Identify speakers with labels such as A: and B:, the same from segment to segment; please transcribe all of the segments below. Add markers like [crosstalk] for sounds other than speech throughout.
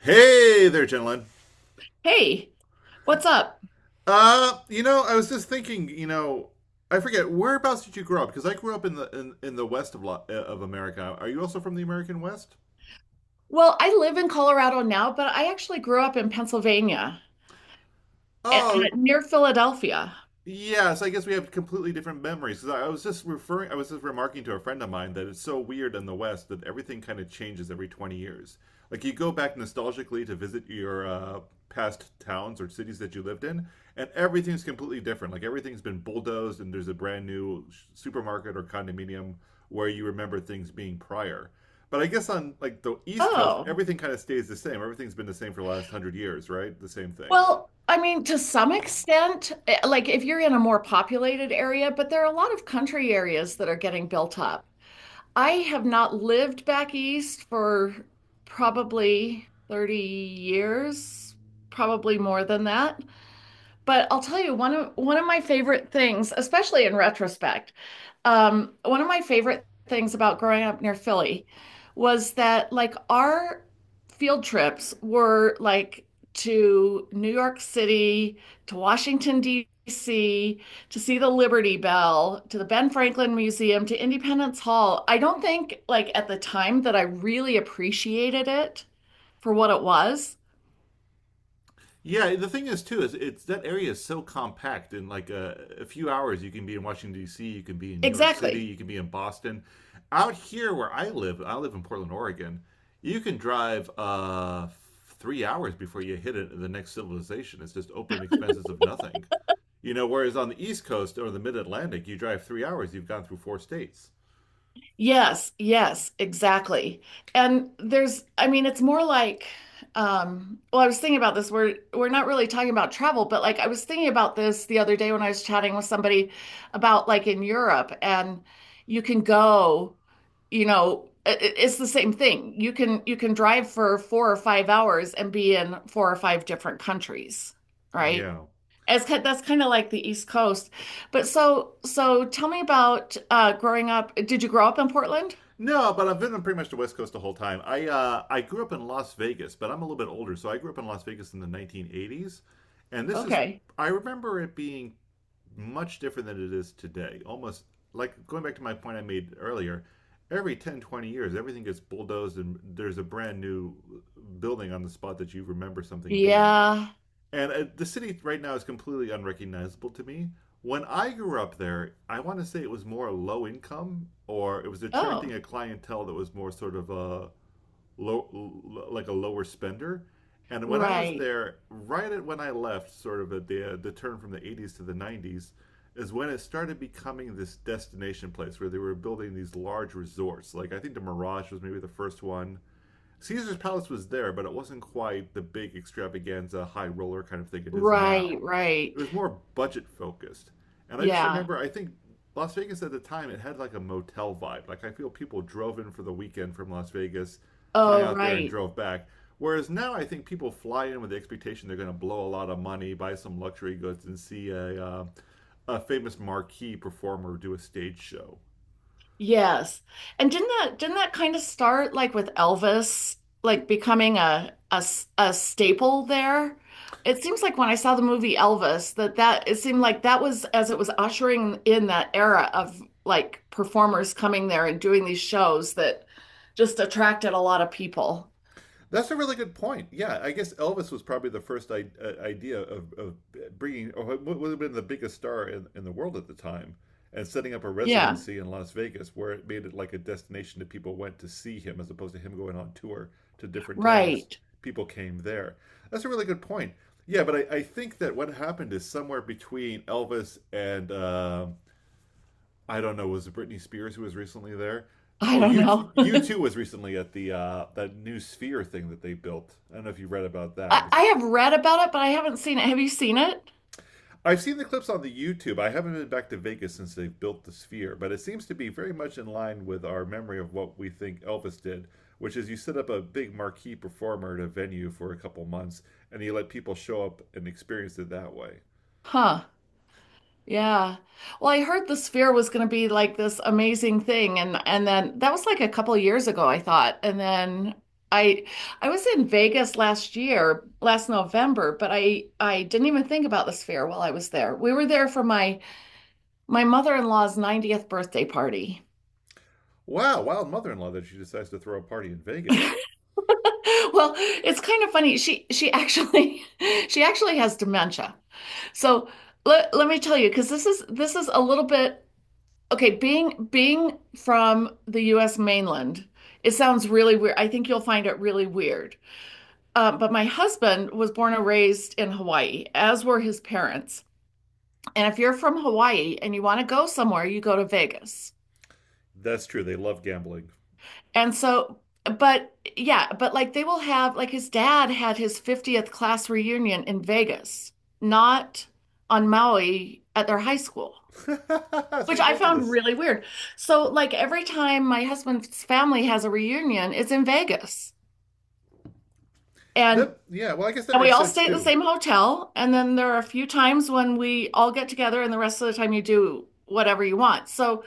A: Hey there, gentlemen.
B: Hey, what's up?
A: You know, I was just thinking. I forget whereabouts did you grow up? Because I grew up in the west of America. Are you also from the American West?
B: Well, I live in Colorado now, but I actually grew up in Pennsylvania,
A: Oh,
B: near Philadelphia.
A: yes, I guess we have completely different memories. 'Cause I was just remarking to a friend of mine that it's so weird in the West that everything kind of changes every 20 years. Like you go back nostalgically to visit your past towns or cities that you lived in, and everything's completely different. Like everything's been bulldozed, and there's a brand new supermarket or condominium where you remember things being prior. But I guess on like the East Coast,
B: Oh,
A: everything kind of stays the same. Everything's been the same for the last 100 years, right? The same thing.
B: well, I mean, to some extent, like if you're in a more populated area, but there are a lot of country areas that are getting built up. I have not lived back east for probably 30 years, probably more than that. But I'll tell you one of my favorite things, especially in retrospect, one of my favorite things about growing up near Philly was that like our field trips were like to New York City, to Washington, D.C., to see the Liberty Bell, to the Ben Franklin Museum, to Independence Hall. I don't think like at the time that I really appreciated it for what it was.
A: Yeah, the thing is too is it's that area is so compact. In like a few hours, you can be in Washington D.C., you can be in New York City,
B: Exactly.
A: you can be in Boston. Out here where I live in Portland, Oregon. You can drive 3 hours before the next civilization. It's just open expanses of nothing. You know, whereas on the East Coast or the Mid Atlantic, you drive 3 hours, you've gone through four states.
B: Yes, yes, exactly. And there's, I mean, it's more like, well, I was thinking about this. We're not really talking about travel, but like I was thinking about this the other day when I was chatting with somebody about like in Europe, and you can go, you know, it's the same thing. You can drive for 4 or 5 hours and be in four or five different countries, right?
A: Yeah.
B: It's kind, that's kind of like the East Coast. But so tell me about growing up. Did you grow up in Portland?
A: No, but I've been pretty much the West Coast the whole time. I grew up in Las Vegas, but I'm a little bit older, so I grew up in Las Vegas in the 1980s, and this is
B: Okay.
A: I remember it being much different than it is today. Almost like going back to my point I made earlier, every 10, 20 years, everything gets bulldozed and there's a brand new building on the spot that you remember something being.
B: Yeah.
A: And the city right now is completely unrecognizable to me. When I grew up there, I want to say it was more low income, or it was attracting
B: Oh,
A: a clientele that was more sort of a low, like a lower spender. And when I was
B: right.
A: there, right at when I left, sort of at the turn from the 80s to the 90s, is when it started becoming this destination place where they were building these large resorts. Like I think the Mirage was maybe the first one. Caesar's Palace was there, but it wasn't quite the big extravaganza, high roller kind of thing it is now.
B: Right,
A: It
B: right.
A: was more budget focused. And I just
B: Yeah.
A: remember, I think Las Vegas at the time, it had like a motel vibe. I feel people drove in for the weekend from Las Vegas, hung
B: Oh,
A: out there, and
B: right.
A: drove back. Whereas now, I think people fly in with the expectation they're going to blow a lot of money, buy some luxury goods, and see a famous marquee performer do a stage show.
B: Yes. And didn't that kind of start like with Elvis like becoming a staple there? It seems like when I saw the movie Elvis that that it seemed like that was as it was ushering in that era of like performers coming there and doing these shows that just attracted a lot of people.
A: That's a really good point. Yeah, I guess Elvis was probably the first idea of bringing, or what would have been the biggest star in the world at the time, and setting up a
B: Yeah,
A: residency in Las Vegas where it made it like a destination that people went to see him as opposed to him going on tour to different towns.
B: right.
A: People came there. That's a really good point. Yeah, but I think that what happened is somewhere between Elvis and I don't know, was it Britney Spears who was recently there?
B: I
A: Or
B: don't know.
A: you
B: [laughs]
A: too was recently at the that new sphere thing that they built. I don't know if you read about that.
B: I, I have read about it, but I haven't seen it. Have you seen it?
A: I've seen the clips on the YouTube. I haven't been back to Vegas since they've built the sphere, but it seems to be very much in line with our memory of what we think Elvis did, which is you set up a big marquee performer at a venue for a couple months and you let people show up and experience it that way.
B: Huh. Yeah. Well, I heard the sphere was going to be like this amazing thing and then that was like a couple of years ago, I thought. And then I I was in Vegas last year, last November, but I didn't even think about the sphere while I was there. We were there for my mother-in-law's 90th birthday party. [laughs]
A: Wow, wild mother-in-law that she decides to throw a party in Vegas.
B: Well, it's kind of funny. She actually [laughs] she actually has dementia. So let me tell you, because this is a little bit. Okay, being from the US mainland, it sounds really weird. I think you'll find it really weird. But my husband was born and raised in Hawaii, as were his parents. And if you're from Hawaii and you want to go somewhere, you go to Vegas.
A: That's true. They love gambling.
B: And so, but yeah, but like they will have, like his dad had his 50th class reunion in Vegas, not on Maui at their high school.
A: [laughs] That's
B: Which I found
A: ridiculous.
B: really weird. So, like, every time my husband's family has a reunion, it's in Vegas. And
A: That yeah, well, I guess that
B: and we
A: makes
B: all
A: sense
B: stay at the
A: too.
B: same hotel. And then there are a few times when we all get together, and the rest of the time you do whatever you want. So,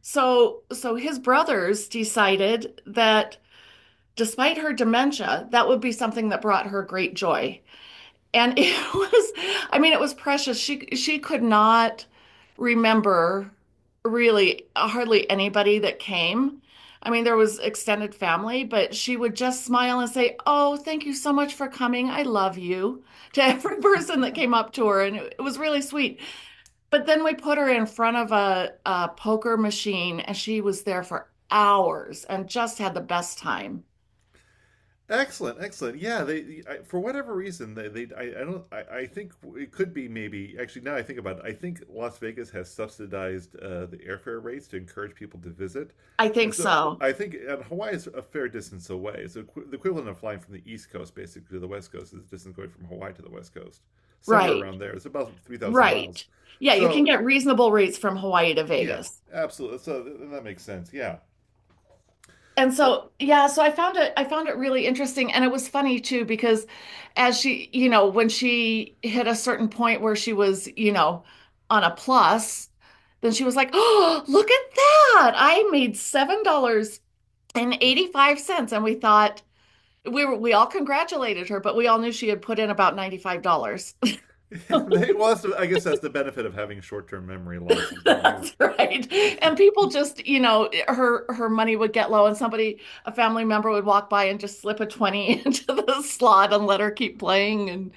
B: so his brothers decided that despite her dementia, that would be something that brought her great joy. And it [laughs] was, I mean, it was precious. She could not remember really hardly anybody that came. I mean, there was extended family, but she would just smile and say, "Oh, thank you so much for coming. I love you," to every [laughs] person that came up to her, and it was really sweet. But then we put her in front of a poker machine, and she was there for hours and just had the best time.
A: Excellent, excellent. Yeah, for whatever reason I don't I think it could be maybe actually now I think about it I think Las Vegas has subsidized the airfare rates to encourage people to visit,
B: I
A: and
B: think
A: so
B: so.
A: I think and Hawaii is a fair distance away. So the equivalent of flying from the East Coast basically to the West Coast is the distance going from Hawaii to the West Coast, somewhere
B: Right.
A: around there. It's about 3,000 miles.
B: Right. Yeah, you can
A: So
B: get reasonable rates from Hawaii to
A: yeah,
B: Vegas.
A: absolutely. So that makes sense. Yeah.
B: And
A: Well,
B: so, yeah, so I found it really interesting and it was funny too because as she, you know, when she hit a certain point where she was, you know, on a plus, then she was like, "Oh, look at that. I made $7.85." And we thought we all congratulated her, but we all knew she had put in about $95.
A: [laughs]
B: [laughs]
A: they- well, that's the, I guess that's the benefit of having short-term memory losses
B: [laughs]
A: that you.
B: That's right.
A: [laughs] Now,
B: And people just, you know, her money would get low and somebody, a family member would walk by and just slip a 20 [laughs] into the slot and let her keep playing. And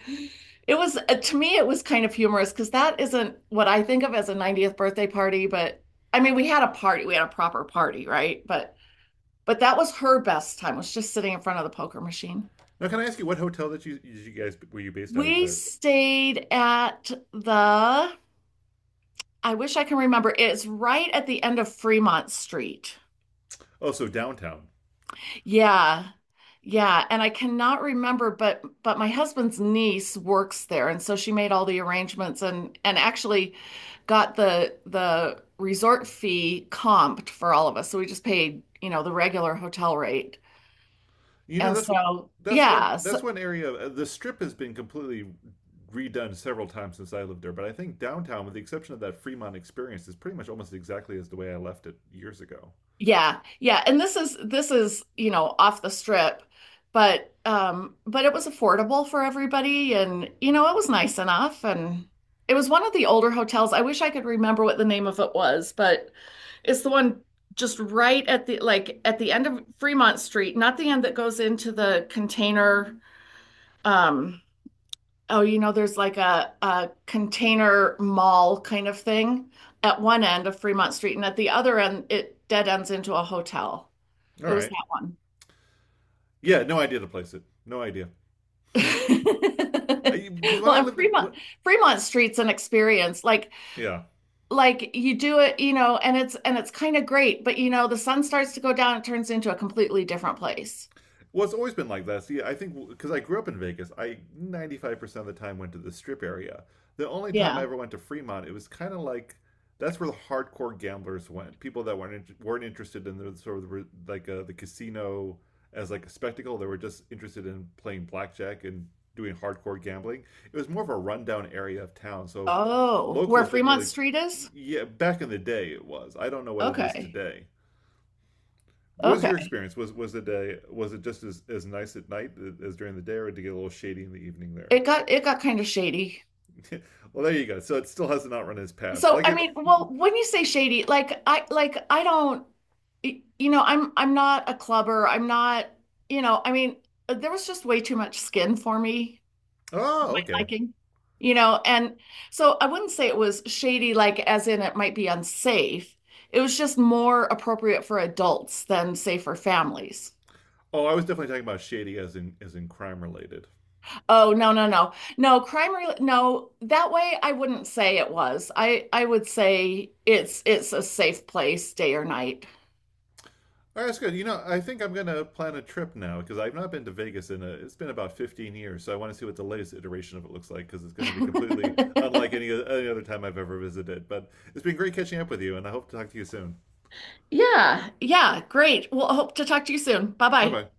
B: it was, to me, it was kind of humorous because that isn't what I think of as a 90th birthday party, but I mean, we had a proper party, right? But that was her best time, was just sitting in front of the poker machine.
A: can I ask you what hotel that you guys were you based out of
B: We
A: there?
B: stayed at the, I wish I can remember, it's right at the end of Fremont Street.
A: Oh, so downtown.
B: Yeah. Yeah, and I cannot remember, but my husband's niece works there, and so she made all the arrangements and actually got the resort fee comped for all of us. So we just paid, you know, the regular hotel rate.
A: You know
B: And
A: that's
B: so,
A: that's
B: yeah.
A: one area. The strip has been completely redone several times since I lived there, but I think downtown, with the exception of that Fremont experience, is pretty much almost exactly as the way I left it years ago.
B: Yeah, yeah, and this is, you know, off the strip, but it was affordable for everybody and you know, it was nice enough and it was one of the older hotels. I wish I could remember what the name of it was, but it's the one just right at the like at the end of Fremont Street, not the end that goes into the container, um oh, you know, there's like a container mall kind of thing at one end of Fremont Street and at the other end it dead ends into a hotel.
A: All
B: It was
A: right.
B: that one.
A: Yeah, no idea to place it. No idea.
B: [laughs]
A: Because when
B: Well,
A: I
B: and
A: lived in what.
B: Fremont Street's an experience. Like
A: Yeah,
B: like you do it, you know, and it's kind of great, but you know, the sun starts to go down, it turns into a completely different place.
A: well, it's always been like that. See, I think because I grew up in Vegas, I 95% of the time went to the strip area. The only time I
B: Yeah.
A: ever went to Fremont, it was kind of like that's where the hardcore gamblers went. People that weren't interested in the sort of the, like the casino as like a spectacle. They were just interested in playing blackjack and doing hardcore gambling. It was more of a rundown area of town, so
B: Oh, where
A: locals didn't
B: Fremont
A: really.
B: Street is?
A: Yeah, back in the day it was. I don't know what it is
B: Okay.
A: today. What was your
B: Okay.
A: experience? Was it was it just as nice at night as during the day, or did it get a little shady in the evening there?
B: It got kind of shady.
A: [laughs] Well, there you go. So it still has not run its past.
B: So,
A: Like
B: I
A: it.
B: mean, well, when you say shady, I like I don't, you know, I'm not a clubber. I'm not, you know, I mean, there was just way too much skin for me
A: Oh, okay.
B: liking, you know, and so I wouldn't say it was shady, like as in it might be unsafe. It was just more appropriate for adults than say for families.
A: Oh, I was definitely talking about shady as in crime related.
B: Oh, no, no, no. No, crime rel no, that way I wouldn't say it was. I would say it's a safe place day or night.
A: All right, that's good. You know, I think I'm gonna plan a trip now because I've not been to Vegas in a. It's been about 15 years, so I want to see what the latest iteration of it looks like because it's going to be completely
B: [laughs]
A: unlike any other time I've ever visited. But it's been great catching up with you, and I hope to talk to you soon.
B: Yeah, yeah, great. Well, I hope to talk to you soon.
A: Bye
B: Bye-bye.
A: bye.